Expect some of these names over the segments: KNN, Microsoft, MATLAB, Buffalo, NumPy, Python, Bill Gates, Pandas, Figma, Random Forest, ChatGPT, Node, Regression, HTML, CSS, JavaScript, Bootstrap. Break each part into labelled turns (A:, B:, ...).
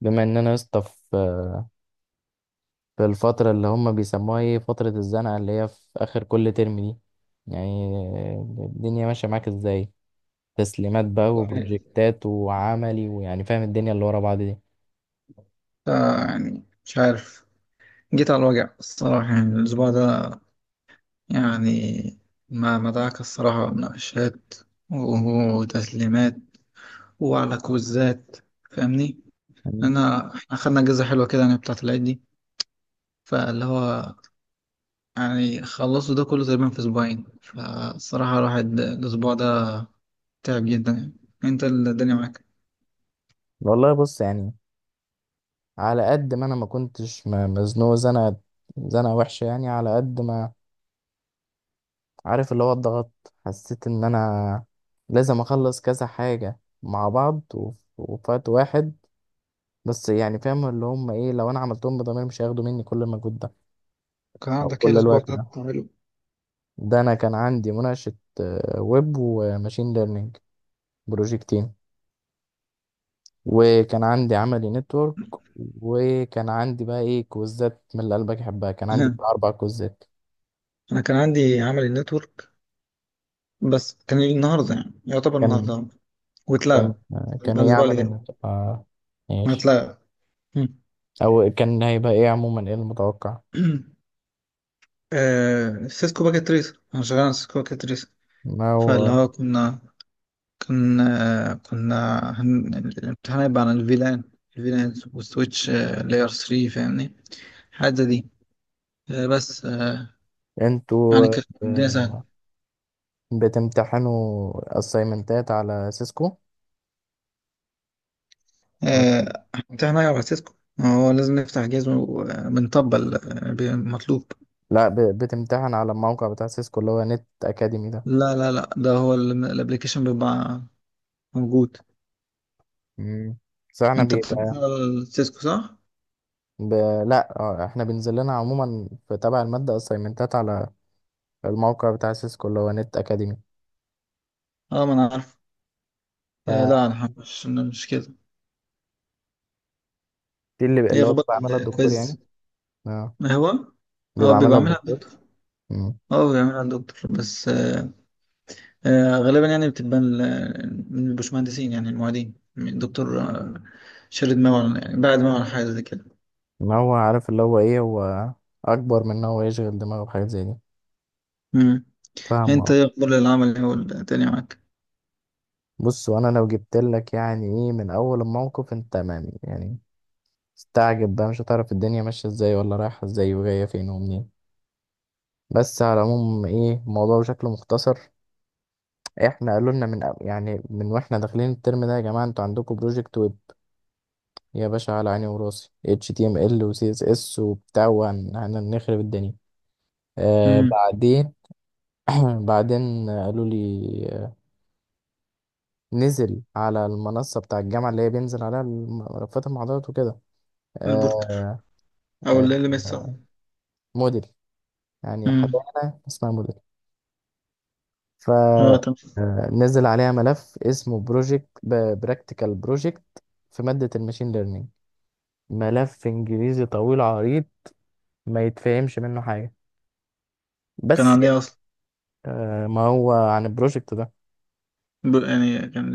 A: بما ان انا يا اسطى في الفتره اللي هم بيسموها ايه فتره الزنقه اللي هي في اخر كل ترم دي. يعني الدنيا ماشيه معاك ازاي، تسليمات بقى
B: والله،
A: وبروجكتات وعملي، ويعني فاهم الدنيا اللي ورا بعض دي.
B: ده يعني مش عارف. جيت على الوجع الصراحة يعني الأسبوع ده، يعني ما مدعك الصراحة مناقشات وتسليمات وعلى كوزات. فاهمني؟
A: مم.
B: أنا إحنا خدنا أجازة حلوة كده يعني بتاعة العيد دي. فاللي هو يعني خلصوا ده كله تقريبا في أسبوعين، فالصراحة الواحد الأسبوع ده تعب جدا يعني. أنت الدنيا معاك؟
A: والله بص يعني، على قد ما انا ما كنتش مزنوق زنقه، زنقه وحشه. يعني على قد ما عارف اللي هو الضغط، حسيت ان انا لازم اخلص كذا حاجه مع بعض وفي وقت واحد. بس يعني فاهم اللي هم ايه، لو انا عملتهم بضمير مش هياخدوا مني كل المجهود ده
B: كان
A: او
B: عندك ايه
A: كل
B: الأسبوع
A: الوقت
B: ده
A: ده.
B: بتعمله؟
A: ده انا كان عندي مناقشة ويب وماشين ليرنينج، بروجكتين، وكان عندي عملي نتورك، وكان عندي بقى ايه كوزات من اللي قلبك يحبها، كان عندي بتاع اربع كوزات.
B: أنا كان عندي عملي نتورك، بس كان النهارده يعني يعتبر
A: كان
B: النهارده
A: كان
B: واتلغى.
A: آه، كان
B: يبقى
A: ايه
B: الاسبوع اللي
A: عمل
B: جاي
A: النتورك
B: ما
A: ماشي.
B: اتلغى. مم.
A: او كان هيبقى ايه عموما ايه المتوقع.
B: سيسكو باكيت تريس. انا شغال على سيسكو باكيت تريس.
A: ما
B: فاللي
A: هو
B: هو كنا، كان آه كنا هن... الامتحان هيبقى عن الفيلان والسويتش، لاير 3. فاهمني؟ حاجة زي دي. آه بس آه يعني
A: انتوا
B: كانت الدنيا سهلة.
A: آه، بتمتحنوا اسايمنتات على سيسكو.
B: آه امتحان هيبقى على سيسكو، ما هو لازم نفتح جهاز وبنطبق المطلوب.
A: لا، بتمتحن على الموقع بتاع سيسكو اللي هو نت اكاديمي ده.
B: لا لا لا، ده هو الابلكيشن بيبقى موجود.
A: مم. بس احنا
B: انت بتدرس
A: بيبقى
B: سيسكو صح؟
A: ب... لا، احنا بينزل لنا عموما في تبع المادة اسايمنتات على الموقع بتاع سيسكو اللي هو نت اكاديمي.
B: اه، ما انا عارف. لا
A: فدي
B: انا، مش كده.
A: اللي
B: ايه
A: اللي هو
B: اخبار
A: بيبقى عاملها الدكتور يعني.
B: الكويز؟
A: اه،
B: ما هو اه
A: بيبقى عاملها
B: بيبقى عاملها
A: الدكتور.
B: الدكتور.
A: مم.
B: اه بيعملها الدكتور، بس آه غالبا يعني بتبقى من البشمهندسين، يعني المعيدين من الدكتور شارد ماون، يعني بعد ماون حاجه زي كده.
A: ان هو عارف اللي هو ايه، هو اكبر من ان هو يشغل دماغه بحاجات زي دي،
B: امم
A: فاهم
B: انت
A: اه.
B: ايه اخبار العمل هو التاني معاك؟
A: بص، وانا لو جبت لك يعني ايه من اول الموقف انت تمام، يعني استعجب بقى، مش هتعرف الدنيا ماشية ازاي ولا رايحة ازاي وجاية فين ومنين. بس على العموم ايه الموضوع بشكل مختصر، احنا قالوا لنا من يعني من واحنا داخلين الترم ده، يا جماعه انتوا عندكم بروجكت ويب. يا باشا، على عيني وراسي، اتش تي ام ال وسي اس اس وبتاع وهنخرب الدنيا.
B: امم
A: بعدين بعدين قالوا لي نزل على المنصه بتاع الجامعه اللي هي بينزل عليها ملفات المحاضرات وكده.
B: البورتر،
A: آه
B: او ال
A: آه
B: ال ام اس.
A: آه، موديل، يعني حاجه
B: امم
A: اسمها موديل،
B: اه تمام.
A: فنزل عليها ملف اسمه بروجكت، براكتيكال بروجكت، في مادة الماشين ليرنينج. ملف انجليزي طويل عريض، ما يتفهمش منه حاجة،
B: كان
A: بس يعني،
B: عليه اصلا.
A: ما هو عن البروجكت ده
B: يعني كان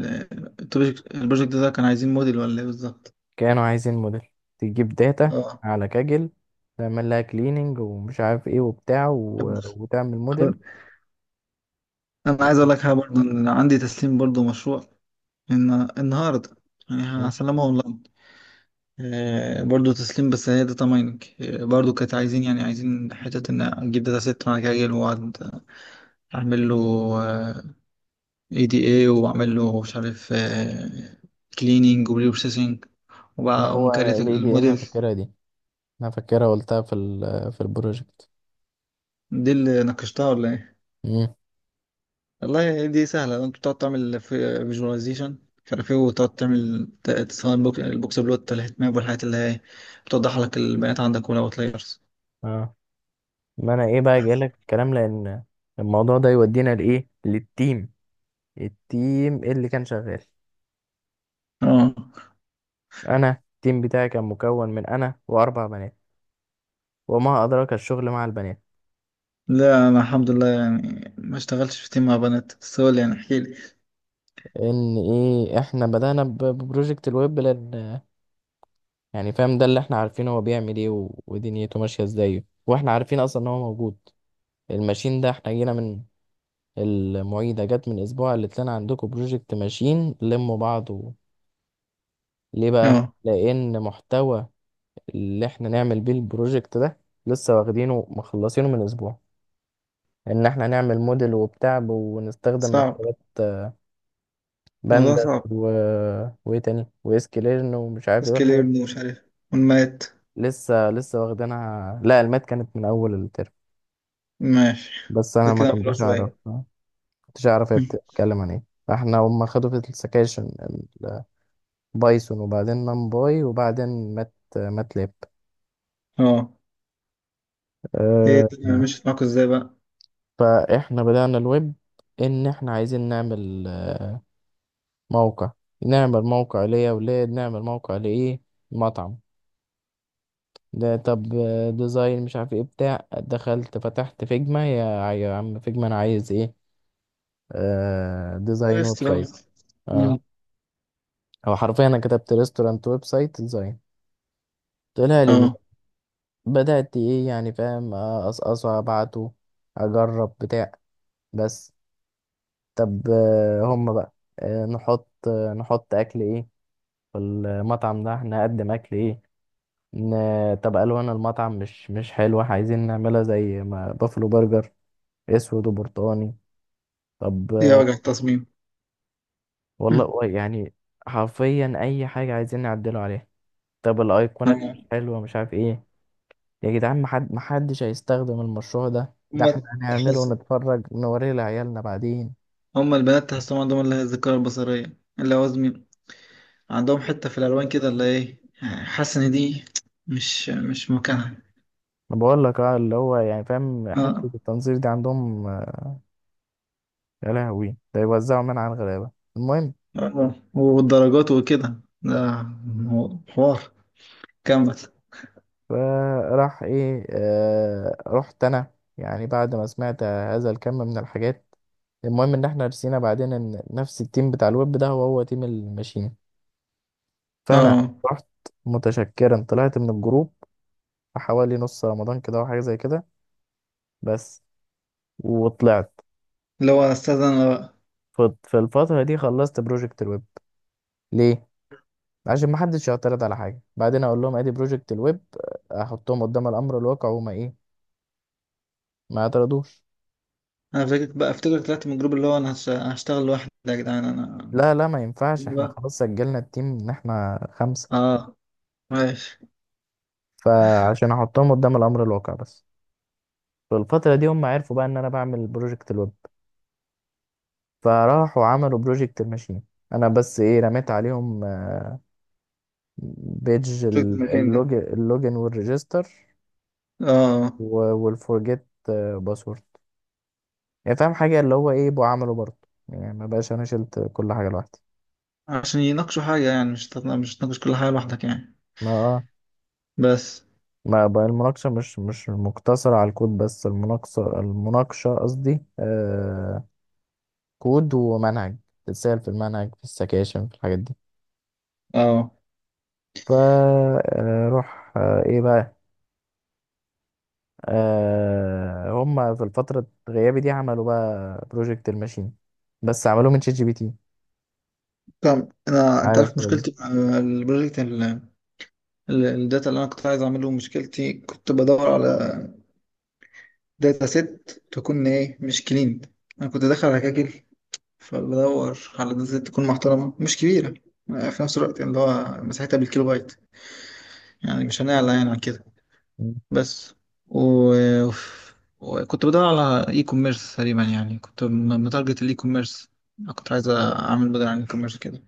B: البروجكت ده كان عايزين موديل ولا ايه بالظبط؟
A: كانوا عايزين موديل، تجيب داتا
B: اه،
A: على كاجل، تعمل لها كليننج ومش عارف ايه وبتاع
B: طب
A: وتعمل
B: خ-
A: موديل
B: انا
A: و...
B: عايز اقول لك حاجه برضه، ان عندي تسليم برضه مشروع، ان النهارده يعني هسلمه اونلاين. برضه تسليم، بس هي داتا مايننج. برضه كانت عايزين، يعني عايزين حته ان اجيب داتا سيت، وانا جاي واقعد اعمل له اي دي اي، واعمل له مش عارف كليننج وبري بروسيسنج، وبقى
A: ما
B: أقوم
A: هو
B: كارت
A: الاي دي ان انا
B: الموديل.
A: فاكرها دي، انا فاكرها قلتها في في البروجكت.
B: دي اللي ناقشتها ولا إيه؟
A: مم.
B: والله دي سهلة، انت بتقعد تعمل فيجواليزيشن مش عارف ايه، وتقعد تعمل تصمم البوكس بلوت، الهيت ماب، والحاجات اللي هي بتوضح لك البيانات عندك والاوت لايرز.
A: اه ما انا ايه بقى جايلك في الكلام، لان الموضوع ده يودينا لايه، للتيم، التيم اللي كان شغال.
B: اه،
A: انا التيم بتاعي كان مكون من انا واربع بنات، وما ادراك الشغل مع البنات.
B: لا انا الحمد لله يعني ما اشتغلتش في تيم مع بنات، بس هو اللي يعني احكي لي.
A: ان ايه، احنا بدأنا ببروجكت الويب، لان يعني فاهم ده اللي احنا عارفينه، هو بيعمل ايه ودنيته ماشية ازاي، واحنا عارفين اصلا ان هو موجود. الماشين ده احنا جينا من المعيدة، جت من اسبوع قالت لنا عندكم بروجكت ماشين لموا بعض ليه بقى،
B: اه
A: لان محتوى اللي احنا نعمل بيه البروجكت ده لسه واخدينه، مخلصينه من اسبوع، ان احنا هنعمل موديل وبتاع ونستخدم
B: صعب.
A: مكتبات
B: الموضوع
A: بانداس
B: صعب.
A: وايه تاني، واسكليرن ومش عارف ايه
B: سكيل
A: الحاجات
B: يبني مش عارف، والمات.
A: دي. لسه لسه واخدينها. لا المات كانت من اول الترم،
B: ماشي،
A: بس
B: ده
A: انا ما
B: كده الموضوع
A: كنتش اعرف
B: صعب.
A: ما كنتش اعرف هي بتتكلم عن ايه. فاحنا هم خدوا في السكاشن بايثون، وبعدين نمباي، وبعدين مات ماتلاب
B: اه، ايه
A: أه
B: الدنيا مشيت معاكوا ازاي بقى؟
A: فاحنا بدأنا الويب، ان احنا عايزين نعمل موقع، نعمل موقع ليا ولاد، نعمل موقع لإيه، مطعم. ده طب ديزاين مش عارف ايه بتاع، دخلت فتحت فيجما، يا عم فيجما انا عايز ايه، ديزاين ويب سايت.
B: استلمت.
A: اه، هو حرفيا انا كتبت ريستورانت ويب سايت ديزاين، طلع لي ديزاين،
B: اه،
A: بدأت ايه يعني فاهم، اقصقصه ابعته، اجرب بتاع. بس طب هم بقى، نحط اكل ايه، في المطعم ده هنقدم اكل ايه. طب ألوان المطعم مش حلوة، عايزين نعملها زي ما بافلو برجر، أسود وبرتقاني. طب
B: ايه وجع التصميم.
A: والله يعني حرفيا أي حاجة عايزين نعدله عليها. طب الأيقونات مش حلوة مش عارف إيه. يا جدعان، محدش هيستخدم المشروع ده، ده
B: هما
A: احنا هنعمله
B: تحس،
A: ونتفرج نوريه لعيالنا بعدين.
B: هما البنات تحسهم عندهم اللي هي الذاكرة البصرية اللي هو عندهم حتة في الألوان كده، اللي إيه يعني، حاسس إن دي مش مكانها.
A: أنا بقول لك اه، اللي هو يعني فاهم حتة
B: آه.
A: التنظير دي عندهم يا لهوي، ده يوزعوا من على الغلابة. المهم،
B: آه. والدرجات وكده، ده حوار. كمل.
A: فراح ايه آه رحت انا، يعني بعد ما سمعت هذا الكم من الحاجات. المهم ان احنا رسينا بعدين ان نفس التيم بتاع الويب ده هو هو تيم الماشين. فانا
B: آه
A: رحت متشكرا، طلعت من الجروب حوالي نص رمضان كده او حاجه زي كده بس، وطلعت.
B: اللي هو أستاذ أنا بقى.
A: في الفتره دي خلصت بروجكت الويب. ليه؟ عشان ما حدش يعترض على حاجه بعدين، اقول لهم ادي بروجكت الويب، احطهم قدام الامر الواقع وما ايه، ما اعترضوش.
B: أنا فاكرك بقى، أفتكرك طلعت من الجروب، اللي هو أنا هشتغل لوحدي يا جدعان أنا
A: لا لا، ما ينفعش، احنا
B: بقى.
A: خلاص سجلنا التيم ان احنا خمسة.
B: آه، ماشي.
A: فعشان احطهم قدام الامر الواقع بس. في الفترة دي هم عرفوا بقى ان انا بعمل بروجكت الويب، فراحوا عملوا بروجكت الماشين. انا بس ايه، رميت عليهم بيج
B: شفت المكان ده.
A: اللوج، اللوجن والريجستر
B: آه
A: والفورجيت باسورد، يعني فاهم حاجة اللي هو ايه بقى عمله برضه، يعني ما بقاش انا شلت كل حاجة لوحدي.
B: عشان يناقشوا حاجة، يعني مش مش تناقش كل حاجة لوحدك يعني.
A: ما اه
B: بس
A: ما بقى المناقشة مش مقتصرة على الكود بس، المناقشة المناقشة قصدي كود ومنهج، تتسأل في المنهج في السكاشن في الحاجات دي.
B: اه.
A: فروح ايه بقى، آه هم في الفترة غيابي دي عملوا بقى بروجكت الماشين، بس عملوه من شات جي بي تي.
B: طب انا، انت عارف
A: عارف
B: مشكلتي مع البروجكت الداتا اللي انا كنت عايز اعمله. مشكلتي كنت بدور على داتا سيت تكون ايه مش كلين. انا كنت داخل على كاجل، فبدور على داتا سيت تكون محترمه مش كبيره في نفس الوقت، يعني اللي هو مساحتها بالكيلو بايت، يعني مش هنعلى يعني عن كده.
A: مم.
B: بس، و... وكنت بدور على اي كوميرس تقريبا، يعني كنت متارجت الاي كوميرس. كنت عايز اعمل موديل عن الاي كوميرس كده.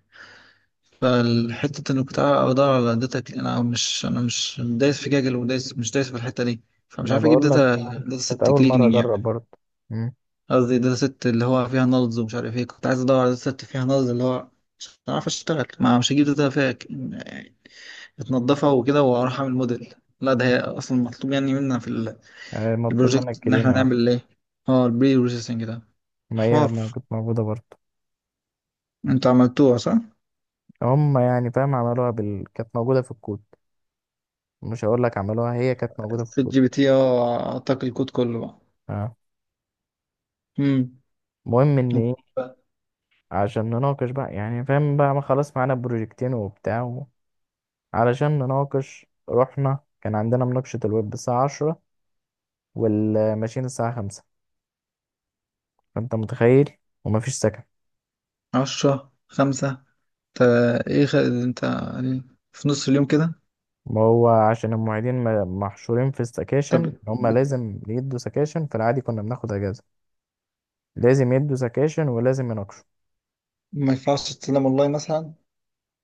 B: فالحتة انك بتاع ادور على داتا، انا مش دايس في جاجل، ودايس مش دايس في الحتة دي، فمش
A: ما
B: عارف اجيب
A: بقول لك
B: داتا
A: كانت
B: ست
A: أول مرة
B: كليننج يعني.
A: أجرب برضه. مم.
B: قصدي داتا ست اللي هو فيها نلز ومش عارف ايه. كنت عايز ادور على داتا ست فيها نلز اللي هو مش عارف اشتغل، ما مش هجيب داتا فيها اتنضفها وكده واروح اعمل موديل. لا ده هي اصلا مطلوب يعني منا في
A: آه مطلوب منك
B: البروجكت، ان احنا
A: كرينة آه.
B: نعمل ايه، اه البري بروسيسنج ده.
A: ما هي
B: حوار.
A: ما كانت موجودة برضه،
B: انتوا عملتوها صح؟
A: هم يعني فاهم عملوها كانت موجودة في الكود، مش هقول لك عملوها، هي كانت موجودة في
B: في
A: الكود.
B: الجي بي تي اعطاك الكود كله بقى.
A: آه.
B: امم
A: المهم إن إيه، عشان نناقش بقى يعني فاهم بقى، ما خلاص معانا بروجكتين وبتاع علشان نناقش رحنا، كان عندنا مناقشة الويب الساعة 10، والماشين الساعة 5. فأنت متخيل، ومفيش سكن.
B: عشرة خمسة؟ انت، ايه انت يعني في نص اليوم كده؟
A: ما هو عشان المعيدين محشورين في
B: طب
A: السكاشن، هما لازم يدوا سكاشن، في العادي كنا بناخد أجازة. لازم يدوا سكاشن، ولازم يناقشوا.
B: ما ينفعش تسلم اونلاين مثلا؟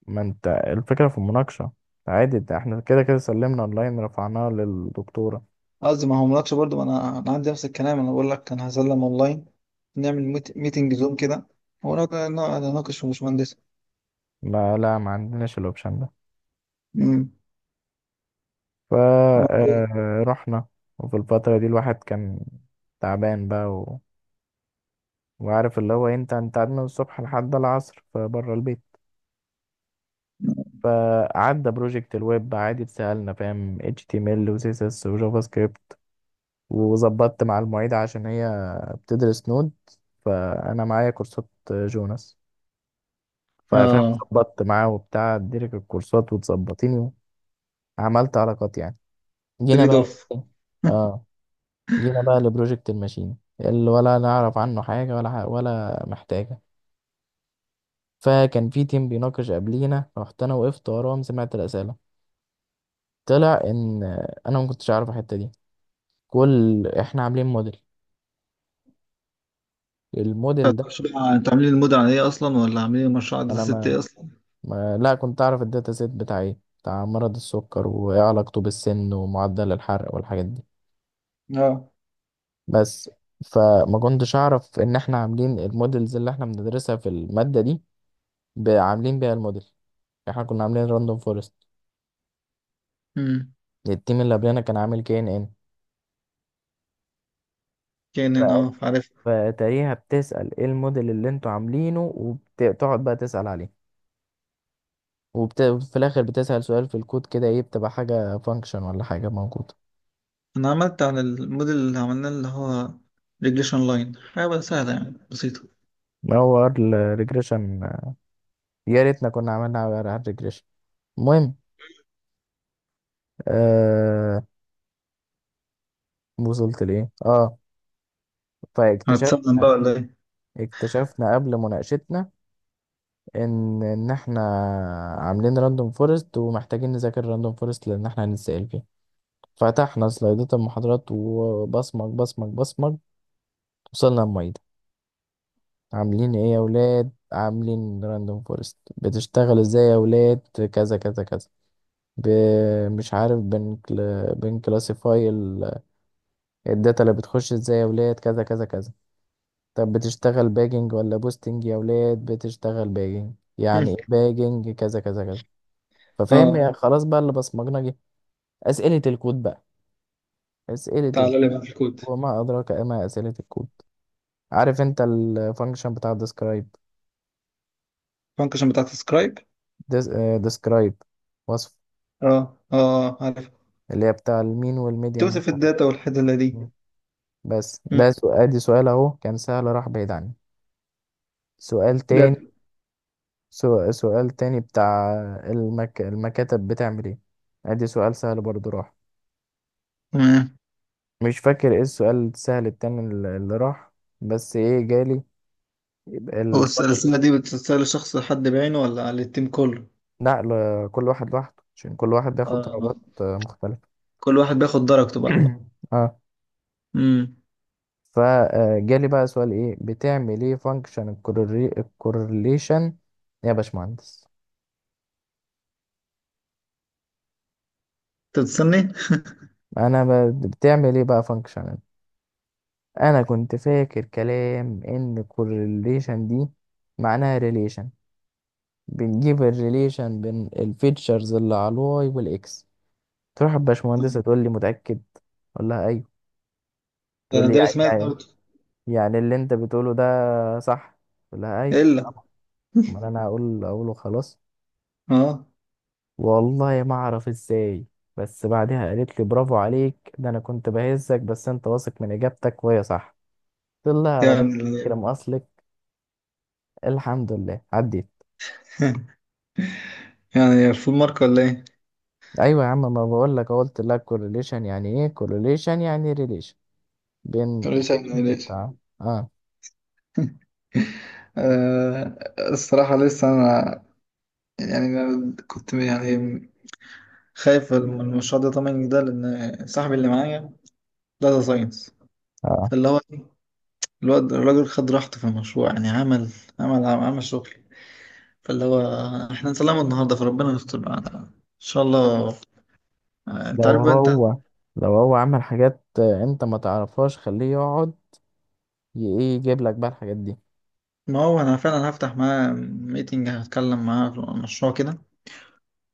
A: ما انت الفكرة في المناقشة، عادي، ده احنا كده كده سلمنا اونلاين رفعناه للدكتورة.
B: قصدي ما هو ملاتش برضه، ما انا عندي نفس الكلام، انا بقول لك انا هسلم اونلاين، نعمل ميتنج زوم كده، ونقعد نناقش في باشمهندس.
A: ما عندناش الاوبشن ده.
B: امم عملت ايه؟
A: فرحنا، وفي الفترة دي الواحد كان تعبان بقى وعارف اللي هو انت قعدنا من الصبح لحد العصر فبره البيت. فعدى بروجكت الويب عادي، اتسألنا فاهم HTML و CSS و جافا سكريبت، وظبطت مع المعيدة عشان هي بتدرس نود، فأنا معايا كورسات جوناس ففاهم،
B: اه
A: ظبطت معاه وبتاع اديلك الكورسات وتظبطيني، وعملت علاقات يعني. جينا
B: تريد
A: بقى
B: اوف.
A: اه، جينا بقى لبروجكت الماشين، اللي ولا نعرف عنه حاجة ولا ولا محتاجة. فكان في تيم بيناقش قبلينا، رحت أنا وقفت وراهم سمعت الأسئلة. طلع إن أنا ما كنتش عارف الحتة دي. كل إحنا عاملين موديل،
B: طب
A: الموديل ده
B: انتوا عاملين المود على ايه اصلا، ولا عاملين المشروع على داتا
A: أنا
B: ست ايه اصلا؟
A: ما لا كنت أعرف الداتا سيت بتاع إيه، بتاع مرض السكر وإيه علاقته بالسن ومعدل الحرق والحاجات دي
B: اه.
A: بس. فما كنتش أعرف إن إحنا عاملين الموديلز اللي إحنا بندرسها في المادة دي عاملين بيها الموديل. احنا كنا عاملين راندوم فورست،
B: امم.
A: التيم اللي قبلنا كان عامل كي ان ان.
B: كان عارف.
A: فتقريبا بتسأل ايه الموديل اللي انتوا عاملينه، وبتقعد بقى تسأل عليه، في الاخر بتسأل سؤال في الكود كده، ايه بتبقى حاجة فانكشن ولا حاجة موجودة.
B: انا عملت على الموديل اللي عملناه، اللي هو ريجريشن لاين، حاجه بقى سهله يعني بسيطه.
A: هو الريجريشن، يا ريتنا كنا عملنا على الريجريشن. المهم آه... وصلت ليه اه.
B: هتسلم بقى
A: فاكتشفنا
B: ولا ايه؟
A: اكتشفنا قبل مناقشتنا ان احنا عاملين راندوم فورست، ومحتاجين نذاكر راندوم فورست لان احنا هنتسأل فيه. فتحنا سلايدات المحاضرات وبصمج بصمج بصمج، وصلنا المعيدة. عاملين ايه يا ولاد؟ عاملين راندوم فورست، بتشتغل ازاي يا ولاد، كذا كذا كذا، ب... مش عارف بن كلاسيفاي الداتا اللي بتخش ازاي يا ولاد، كذا كذا كذا. طب بتشتغل باجنج ولا بوستنج يا ولاد، بتشتغل باجنج،
B: مم.
A: يعني ايه باجنج، كذا كذا كذا. ففاهم
B: اه،
A: خلاص بقى، اللي بصمجنا جه. أسئلة الكود بقى، أسئلة الكود،
B: تعالى لي بقى في الكود.
A: وما أدراك ما أسئلة الكود. عارف انت الفانكشن بتاع ديسكرايب؟
B: الفانكشن بتاعت سكرايب؟
A: ديسكرايب، وصف،
B: اه اه، عارف.
A: اللي هي بتاع المين والميديان
B: توصف
A: والمش عارف
B: الداتا والحدله دي.
A: إيه. بس
B: مم.
A: ده سؤال، دي سؤال اهو كان سهل راح بعيد عني. سؤال
B: ده
A: تاني، سؤال تاني بتاع المكاتب بتعمل ايه، ادي سؤال سهل برضو راح.
B: تمام.
A: مش فاكر ايه السؤال السهل التاني اللي راح. بس ايه جالي، يبقى
B: هو
A: الفرق.
B: الرساله دي بتتسال لشخص حد بعينه ولا على التيم كله؟
A: لا كل واحد لوحده، عشان كل واحد بياخد
B: اه،
A: درجات مختلفة.
B: كل واحد بياخد درجته بقى.
A: اه
B: امم
A: فجالي بقى سؤال، ايه بتعمل ايه فانكشن الكورليشن يا باشمهندس.
B: انت بتستني.
A: انا بتعمل ايه بقى فانكشن. انا كنت فاكر كلام ان الكورليشن دي معناها ريليشن، بنجيب الريليشن بين الفيتشرز اللي على الواي والاكس. تروح الباشمهندسة تقول لي متأكد، اقول لها ايوه.
B: ده
A: تقول
B: انا
A: لي يعني،
B: دارس ماس برضه.
A: اللي انت بتقوله ده صح، اقول لها ايوه
B: الا،
A: طبعا. امال انا هقول اقوله خلاص.
B: اه
A: والله ما اعرف ازاي، بس بعدها قالت لي برافو عليك، ده انا كنت بهزك بس، انت واثق من اجابتك وهي صح. قلت لها ربنا
B: يعني.
A: يكرم اصلك، الحمد لله عديت.
B: يعني فول مارك ولا ايه؟
A: ايوه يا عم، ما بقول لك قلت لك كورليشن يعني ايه، كورليشن يعني ريليشن بين
B: كان لسه
A: الفيكشنز
B: لسه.
A: بتاع. اه
B: آه، الصراحة لسه أنا، يعني أنا كنت يعني خايف من المشروع ده. طمني ده، لأن صاحبي اللي معايا داتا ساينس.
A: اه.
B: فاللي هو إيه، الواد الراجل خد راحته في المشروع، يعني عمل شغل. فاللي هو احنا نسلمه النهاردة، فربنا يستر بقى إن شاء الله. أنت
A: لو
B: عارف بقى أنت.
A: هو، لو هو عمل حاجات انت ما تعرفهاش، خليه يقعد ايه يجيب لك بقى الحاجات دي.
B: ما هو أنا فعلا هفتح معاه ميتنج، هتكلم معاه في المشروع كده،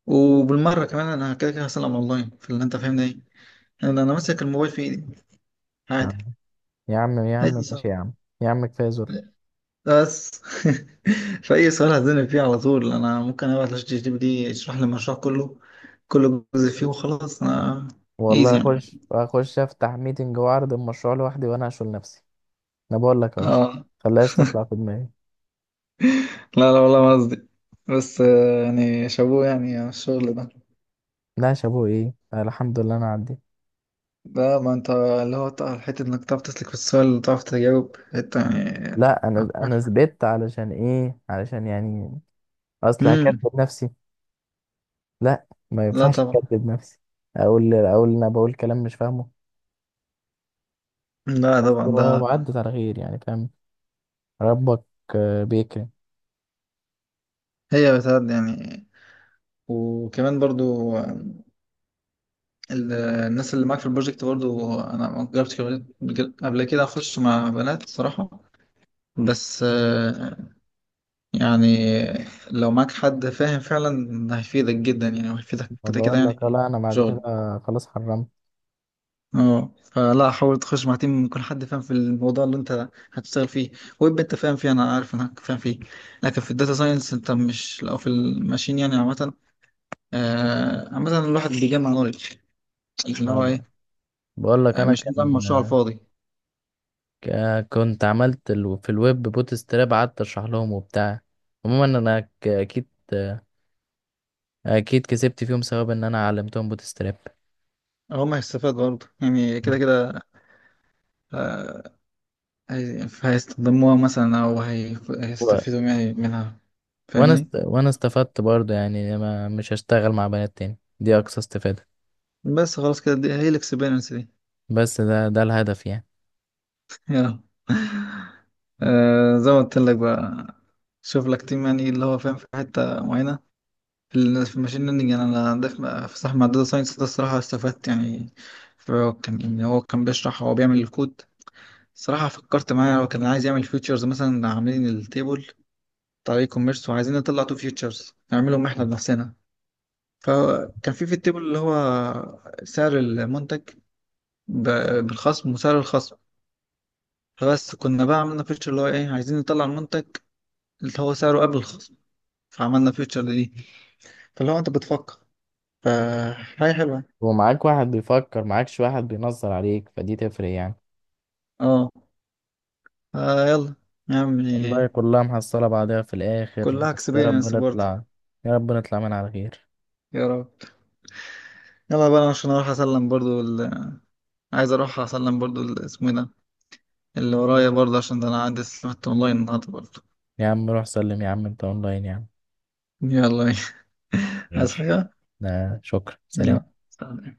B: وبالمرة كمان أنا كده كده هسلم أونلاين في اللي أنت فاهمني إيه. أنا ماسك الموبايل في إيدي عادي.
A: آه. يا عم يا
B: أي
A: عم ماشي
B: سؤال
A: يا عم، يا عم كفايه.
B: بس. فأي سؤال هتزنق فيه على طول أنا ممكن أبعت لشات جي بي تي يشرح لي المشروع كله، كل جزء فيه وخلاص. أنا إيزي
A: والله
B: يعني.
A: اخش اخش افتح ميتنج واعرض المشروع لوحدي وانا اشغل نفسي. انا بقول لك اهو،
B: آه
A: خلاش تطلع في دماغي.
B: لا لا، والله ما قصدي، بس يعني شابوه يعني على الشغل ده.
A: لا يا شابو ايه، أنا الحمد لله انا عديت.
B: ده ما أنت اللي هو حتة إنك تعرف تسلك في السؤال، تعرف تجاوب حتة يعني.
A: لا انا انا ثبت، علشان ايه، علشان يعني اصل هكذب
B: مم.
A: نفسي. لا ما
B: لا
A: ينفعش
B: طبعا.
A: اكذب نفسي، اقول انا بقول كلام مش فاهمه.
B: لا
A: بس
B: طبعا ده.
A: وعدت على خير يعني فاهم، ربك بيكرم.
B: هي بتاعت يعني. وكمان برضو ال- الناس اللي معاك في البروجكت برضو. انا ما جربتش قبل كده اخش مع بنات الصراحه. بس يعني لو معاك حد فاهم فعلا هيفيدك جدا، يعني وهيفيدك
A: ما
B: كده كده
A: بقول
B: يعني
A: لك، لا انا
B: في
A: بعد كده
B: شغل.
A: خلاص حرمت.
B: اه، فلا، حاول تخش مع تيم يكون حد فاهم في الموضوع اللي انت هتشتغل فيه. ويب انت فاهم فيه، انا عارف انك فاهم فيه، لكن في الداتا ساينس انت مش، لو في الماشين يعني عامه. عامه الواحد بيجمع نولج اللي هو
A: ما
B: ايه،
A: بقول لك انا
B: مش بيعمل
A: كان
B: مشروع على الفاضي.
A: كنت عملت في الويب بوت ستراب، قعدت اشرح لهم وبتاع. عموما انا اكيد اكيد كسبت فيهم سبب ان انا علمتهم بوت ستراب
B: هو ما هيستفاد برضه يعني كده كده. آه، هيستخدموها مثلا، او
A: و...
B: هيستفيدوا يعني منها، فاهمني.
A: وانا استفدت برضه يعني، ما مش هشتغل مع بنات تاني، دي اقصى استفادة.
B: بس خلاص كده دي هي الاكسبيرينس دي.
A: بس ده ده الهدف يعني.
B: يلا. زي ما قلت لك بقى، شوف لك تيم يعني اللي هو فاهم في حته معينه. في في الماشين ليرنينج يعني، انا عندي في صاحب داتا ساينس ده الصراحه استفدت يعني. فهو كان يعني، هو كان بيشرح، هو بيعمل الكود الصراحه. فكرت معاه، هو كان عايز يعمل فيتشرز مثلا، عاملين التيبل طريق كوميرس، وعايزين نطلع تو فيوتشرز نعملهم احنا بنفسنا. فكان في التيبل اللي هو سعر المنتج بالخصم وسعر الخصم. فبس كنا بقى عملنا فيتشر اللي هو ايه عايزين نطلع المنتج اللي هو سعره قبل الخصم، فعملنا فيتشر دي. فاللي هو انت بتفكر فحاجة حلوة.
A: ومعاك واحد بيفكر معاكش واحد بينظر عليك فدي تفرق يعني.
B: اه يلا يا عمي.
A: والله كلها محصلة بعضها في الآخر،
B: كلها
A: بس يا رب
B: اكسبيرينس برضه.
A: نطلع، يا رب نطلع من على خير.
B: يا رب. يلا بقى أنا عشان اروح اسلم برضه ال... عايز اروح اسلم برضه اسمه ايه ده اللي ورايا برضه، عشان ده انا عندي سمعت اونلاين النهارده برضه.
A: يا عم روح سلم يا عم، انت اونلاين يا عم.
B: يلا ماشي. عايز
A: ماشي.
B: حاجة؟
A: ده شكرا سلام.
B: يلا سلام.